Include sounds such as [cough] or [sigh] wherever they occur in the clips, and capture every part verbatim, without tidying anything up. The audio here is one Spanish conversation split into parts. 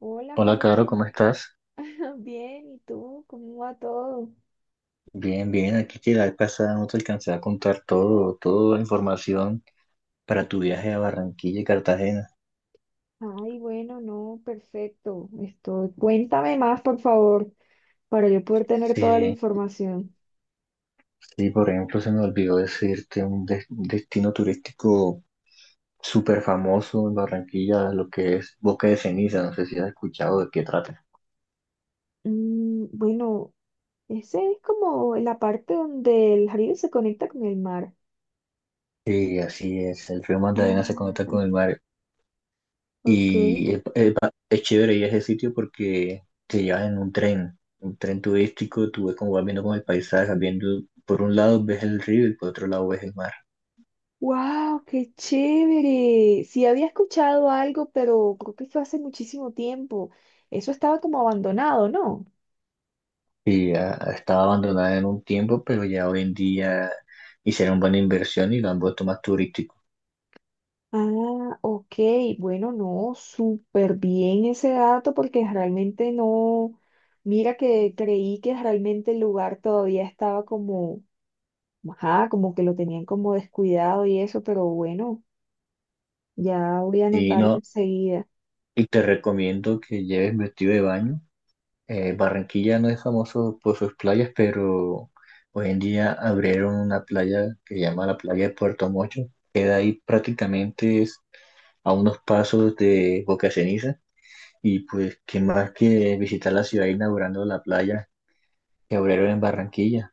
Hola, Hola, Caro, Holman. ¿cómo estás? [laughs] Bien, ¿y tú? ¿Cómo va todo? Bien, bien, aquí que la vez pasada no te alcancé a contar todo, toda la información para tu viaje a Barranquilla y Cartagena. Ay, bueno, no, perfecto. Estoy... Cuéntame más, por favor, para yo poder tener toda la Sí, información. sí, por ejemplo, se me olvidó decirte un des- destino turístico súper famoso en Barranquilla, lo que es Boca de Ceniza. No sé si has escuchado de qué trata. Mm, bueno, ese es como la parte donde el río se conecta con el mar. Sí, así es, el río Magdalena se conecta Ah, con el mar. ok. Y es, es pa- es chévere ir a ese sitio porque te llevan en un tren, un tren turístico. Tú ves como vas viendo como el paisaje, vas viendo, por un lado ves el río y por otro lado ves el mar. ¡Wow! ¡Qué chévere! Sí había escuchado algo, pero creo que fue hace muchísimo tiempo. Eso estaba como abandonado, ¿no? Y ya estaba abandonada en un tiempo, pero ya hoy en día hicieron buena inversión y lo han vuelto más turístico. Ah, ok, bueno, no, súper bien ese dato porque realmente no, mira que creí que realmente el lugar todavía estaba como, ajá, como que lo tenían como descuidado y eso, pero bueno, ya voy a Y anotarlo no, enseguida. y te recomiendo que lleves vestido de baño. Eh, Barranquilla no es famoso por sus playas, pero hoy en día abrieron una playa que se llama la playa de Puerto Mocho. Queda ahí, prácticamente es a unos pasos de Boca Ceniza. Y pues, ¿qué más que visitar la ciudad inaugurando la playa que abrieron en Barranquilla?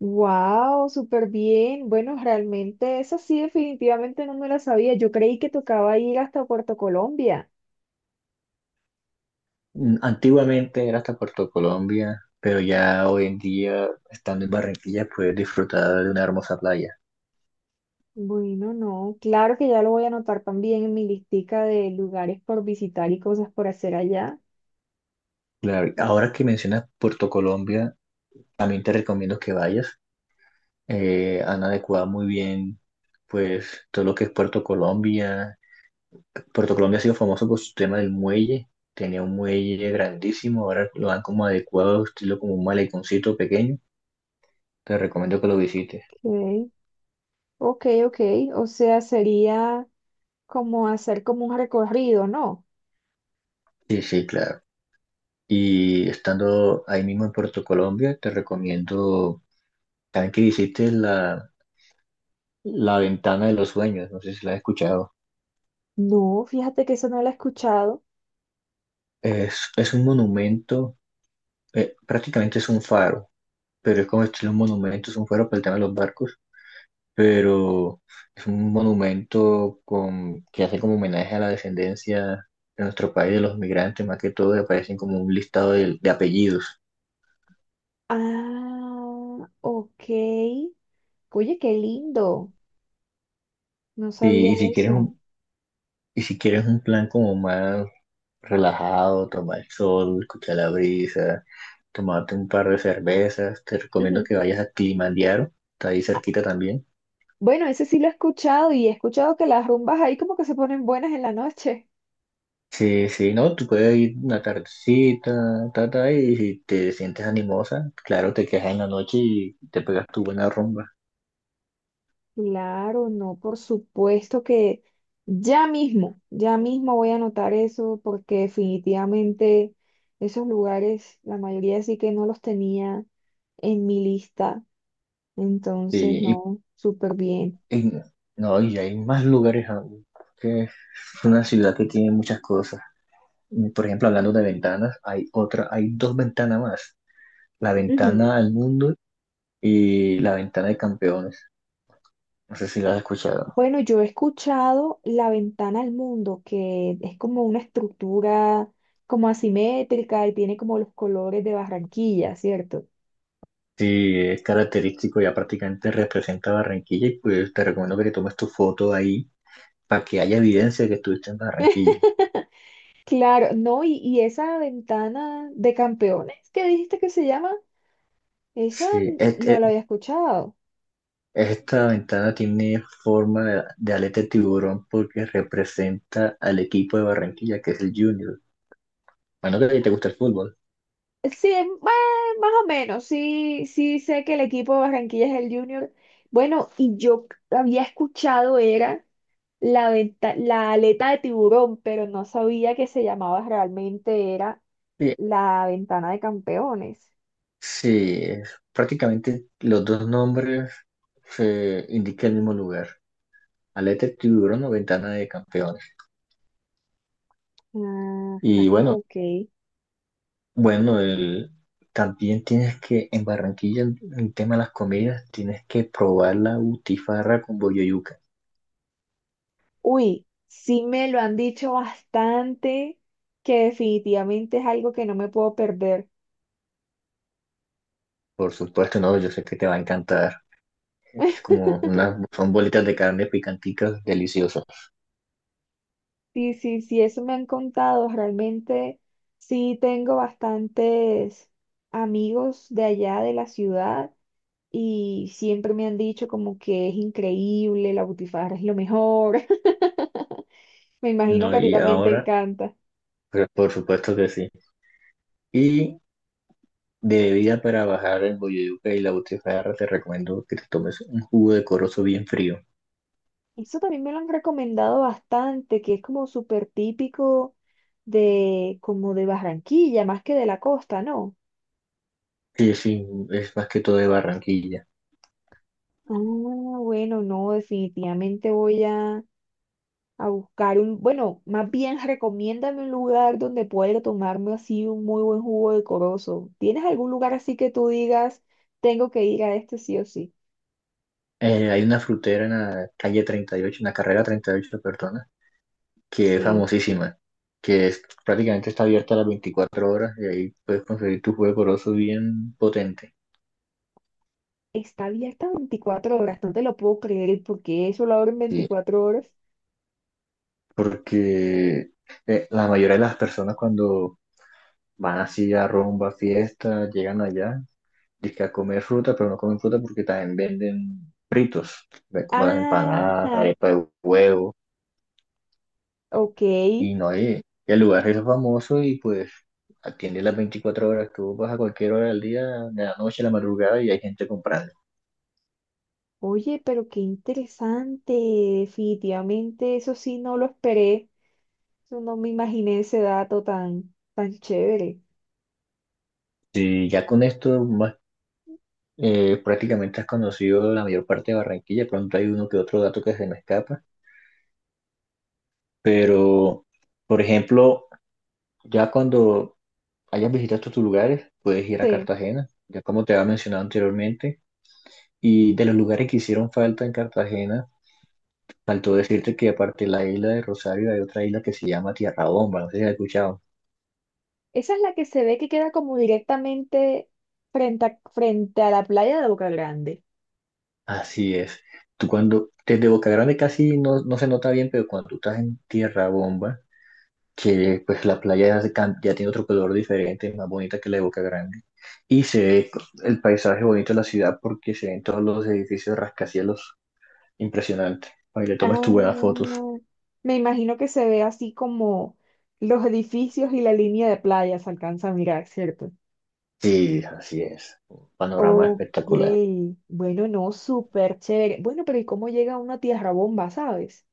Wow, súper bien. Bueno, realmente esa sí definitivamente no me la sabía. Yo creí que tocaba ir hasta Puerto Colombia. Mm, antiguamente era hasta Puerto Colombia, pero ya hoy en día, estando en Barranquilla, puedes disfrutar de una hermosa playa. Bueno, no, claro que ya lo voy a anotar también en mi listica de lugares por visitar y cosas por hacer allá. Claro, ahora que mencionas Puerto Colombia, también te recomiendo que vayas. Eh, han adecuado muy bien pues todo lo que es Puerto Colombia. Puerto Colombia ha sido famoso por su tema del muelle, tenía un muelle grandísimo, ahora lo han como adecuado, estilo como un maleconcito pequeño. Te recomiendo que lo visites. Ok, ok, ok. O sea, sería como hacer como un recorrido, ¿no? Sí, sí, claro. Y estando ahí mismo en Puerto Colombia, te recomiendo también que visites la, la Ventana de los Sueños. No sé si la has escuchado. No, fíjate que eso no lo he escuchado. Es, es un monumento, eh, prácticamente es un faro, pero es como estilo un monumento, es un faro para el tema de los barcos, pero es un monumento con, que hace como homenaje a la descendencia de nuestro país, de los migrantes, más que todo, y aparecen como un listado de, de apellidos. Ah, ok. Oye, qué lindo. No sabía Sí, y si quieres eso. un, y si quieres un plan como más relajado, tomar el sol, escuchar la brisa, tomarte un par de cervezas, te recomiendo [laughs] que vayas a Kilimanjaro, está ahí cerquita también. Bueno, ese sí lo he escuchado y he escuchado que las rumbas ahí como que se ponen buenas en la noche. Sí, sí, no, tú puedes ir una tardecita, ta, ta, y si te sientes animosa, claro, te quedas en la noche y te pegas tu buena rumba. Claro, no, por supuesto que ya mismo, ya mismo voy a anotar eso porque definitivamente esos lugares, la mayoría sí que no los tenía en mi lista. Entonces, Sí, no, súper bien. y, y- no, y hay más lugares aún, que es una ciudad que tiene muchas cosas. Y, por ejemplo, hablando de ventanas, hay otra, hay dos ventanas más. La Ujú. ventana al mundo y la ventana de campeones. No sé si la has escuchado. Bueno, yo he escuchado La Ventana al Mundo, que es como una estructura como asimétrica y tiene como los colores de Barranquilla, ¿cierto? Sí, es característico, ya prácticamente representa Barranquilla, y pues te recomiendo que te tomes tu foto ahí para que haya evidencia de que estuviste en Barranquilla. Claro, no, y, y esa ventana de campeones que dijiste que se llama, esa Sí, n- es, no la había escuchado. Esta ventana tiene forma de, de aleta de tiburón porque representa al equipo de Barranquilla, que es el Junior. Bueno, que a ti te gusta el fútbol. Sí, eh, bueno, más o menos, sí, sí sé que el equipo de Barranquilla es el Junior. Bueno, y yo c- había escuchado era la venta- la aleta de tiburón, pero no sabía que se llamaba realmente era Sí, la ventana de campeones. sí, es- prácticamente los dos nombres se indican el mismo lugar. Aleta de tiburón o ventana de campeones. Ajá, Y bueno, ok. bueno, el, también tienes que, en Barranquilla, en el tema de las comidas, tienes que probar la butifarra con boyoyuca. Uy, sí me lo han dicho bastante, que definitivamente es algo que no me puedo perder. Por supuesto, no, yo sé que te va a encantar. Que es [laughs] como unas, son bolitas de carne picanticas deliciosas. Sí, sí, sí, eso me han contado. Realmente sí tengo bastantes amigos de allá de la ciudad y siempre me han dicho como que es increíble, la Butifarra es lo mejor. [laughs] Me imagino No, que a ti y también te ahora, encanta. pues, por supuesto que sí. Y de bebida para bajar el boyuca y la butifarra, te recomiendo que te tomes un jugo de corozo bien frío. Eso también me lo han recomendado bastante, que es como súper típico de como de Barranquilla, más que de la costa, ¿no? Sí, sí, es más que todo de Barranquilla. Ah, bueno, no, definitivamente voy a, a buscar un, bueno, más bien recomiéndame un lugar donde pueda tomarme así un muy buen jugo de corozo. ¿Tienes algún lugar así que tú digas, tengo que ir a este sí o sí? Eh, hay una frutera en la calle treinta y ocho, en la carrera treinta y ocho, perdona, que es Sí, famosísima, que es, prácticamente está abierta las veinticuatro horas y ahí puedes conseguir tu jugo de corozo bien potente. está abierta veinticuatro horas, no te lo puedo creer, ¿porque eso lo abren Sí, veinticuatro horas? porque eh, la mayoría de las personas cuando van así a rumba, fiesta, llegan allá, dizque a comer fruta, pero no comen fruta porque también venden fritos, ve- como las empanadas, Ajá, arepa de huevo, ok. y no hay, y el lugar es famoso y pues atiende las veinticuatro horas, tú vas a cualquier hora del día, de la noche, de la madrugada y hay gente comprando. Oye, pero qué interesante, definitivamente eso sí no lo esperé. Yo no me imaginé ese dato tan, tan chévere. Y ya con esto más, eh, prácticamente has conocido la mayor parte de Barranquilla, de pronto hay uno que otro dato que se me escapa. Pero, por ejemplo, ya cuando hayas visitado estos lugares, puedes ir a Sí, Cartagena, ya como te había mencionado anteriormente. Y de los lugares que hicieron falta en Cartagena, faltó decirte que aparte de la isla de Rosario hay otra isla que se llama Tierra Bomba. No sé si la has escuchado. esa es la que se ve que queda como directamente frente a, frente a la playa de Boca Grande. Así es. Tú cuando, desde Boca Grande casi no, no se nota bien, pero cuando tú estás en Tierra Bomba, que pues la playa ya, se cam- ya tiene otro color diferente, más bonita que la de Boca Grande. Y se ve el paisaje bonito de la ciudad porque se ven todos los edificios rascacielos impresionantes. Para que le tomes tus buenas Ah, fotos. me imagino que se ve así como los edificios y la línea de playa se alcanza a mirar, ¿cierto? Sí, así es. Un panorama Ok, espectacular. bueno, no, súper chévere. Bueno, ¿pero y cómo llega uno a Tierra Bomba, sabes?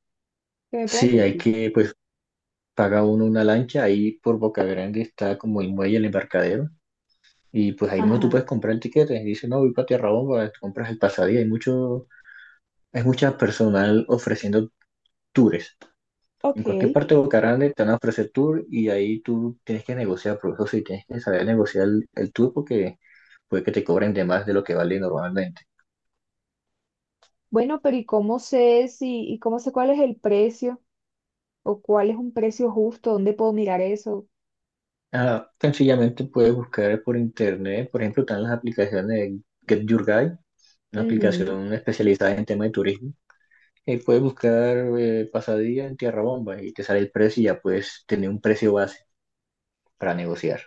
¿Qué me puedes Sí, hay decir? que, pues, paga uno una lancha. Ahí por Boca Grande está como el muelle, el embarcadero. Y pues ahí mismo tú Ajá, puedes comprar el tiquete. Y dice, no, voy para Tierra Bomba, te compras el pasadía. Hay mucho, hay mucha personal ofreciendo tours. En cualquier ok. parte de Bucaranda te van a ofrecer tour y ahí tú tienes que negociar, por eso sí tienes que saber negociar el, el tour porque puede que te cobren de más de lo que vale normalmente. Bueno, ¿pero y cómo sé si, y cómo sé cuál es el precio o cuál es un precio justo? ¿Dónde puedo mirar eso? Ah, sencillamente puedes buscar por internet, por ejemplo, están las aplicaciones de Get Your Guide, una Ujú. aplicación especializada en tema de turismo. Y puedes buscar eh, pasadilla en Tierra Bomba y te sale el precio y ya puedes tener un precio base para negociar.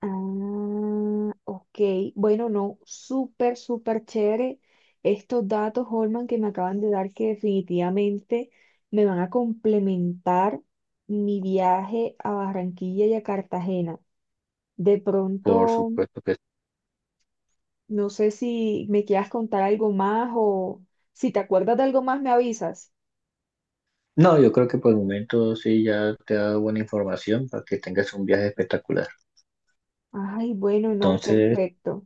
Ah, ok. Bueno, no, súper, súper chévere estos datos, Holman, que me acaban de dar que definitivamente me van a complementar mi viaje a Barranquilla y a Cartagena. De Por pronto, supuesto que sí. no sé si me quieras contar algo más o si te acuerdas de algo más, me avisas. No, yo creo que por el momento sí ya te da buena información para que tengas un viaje espectacular. Ay, bueno, no, Entonces, perfecto,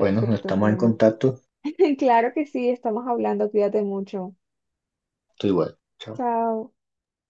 bueno, estamos en Holman. contacto. [laughs] Claro que sí, estamos hablando, cuídate mucho. Estoy igual. Chao. Chao.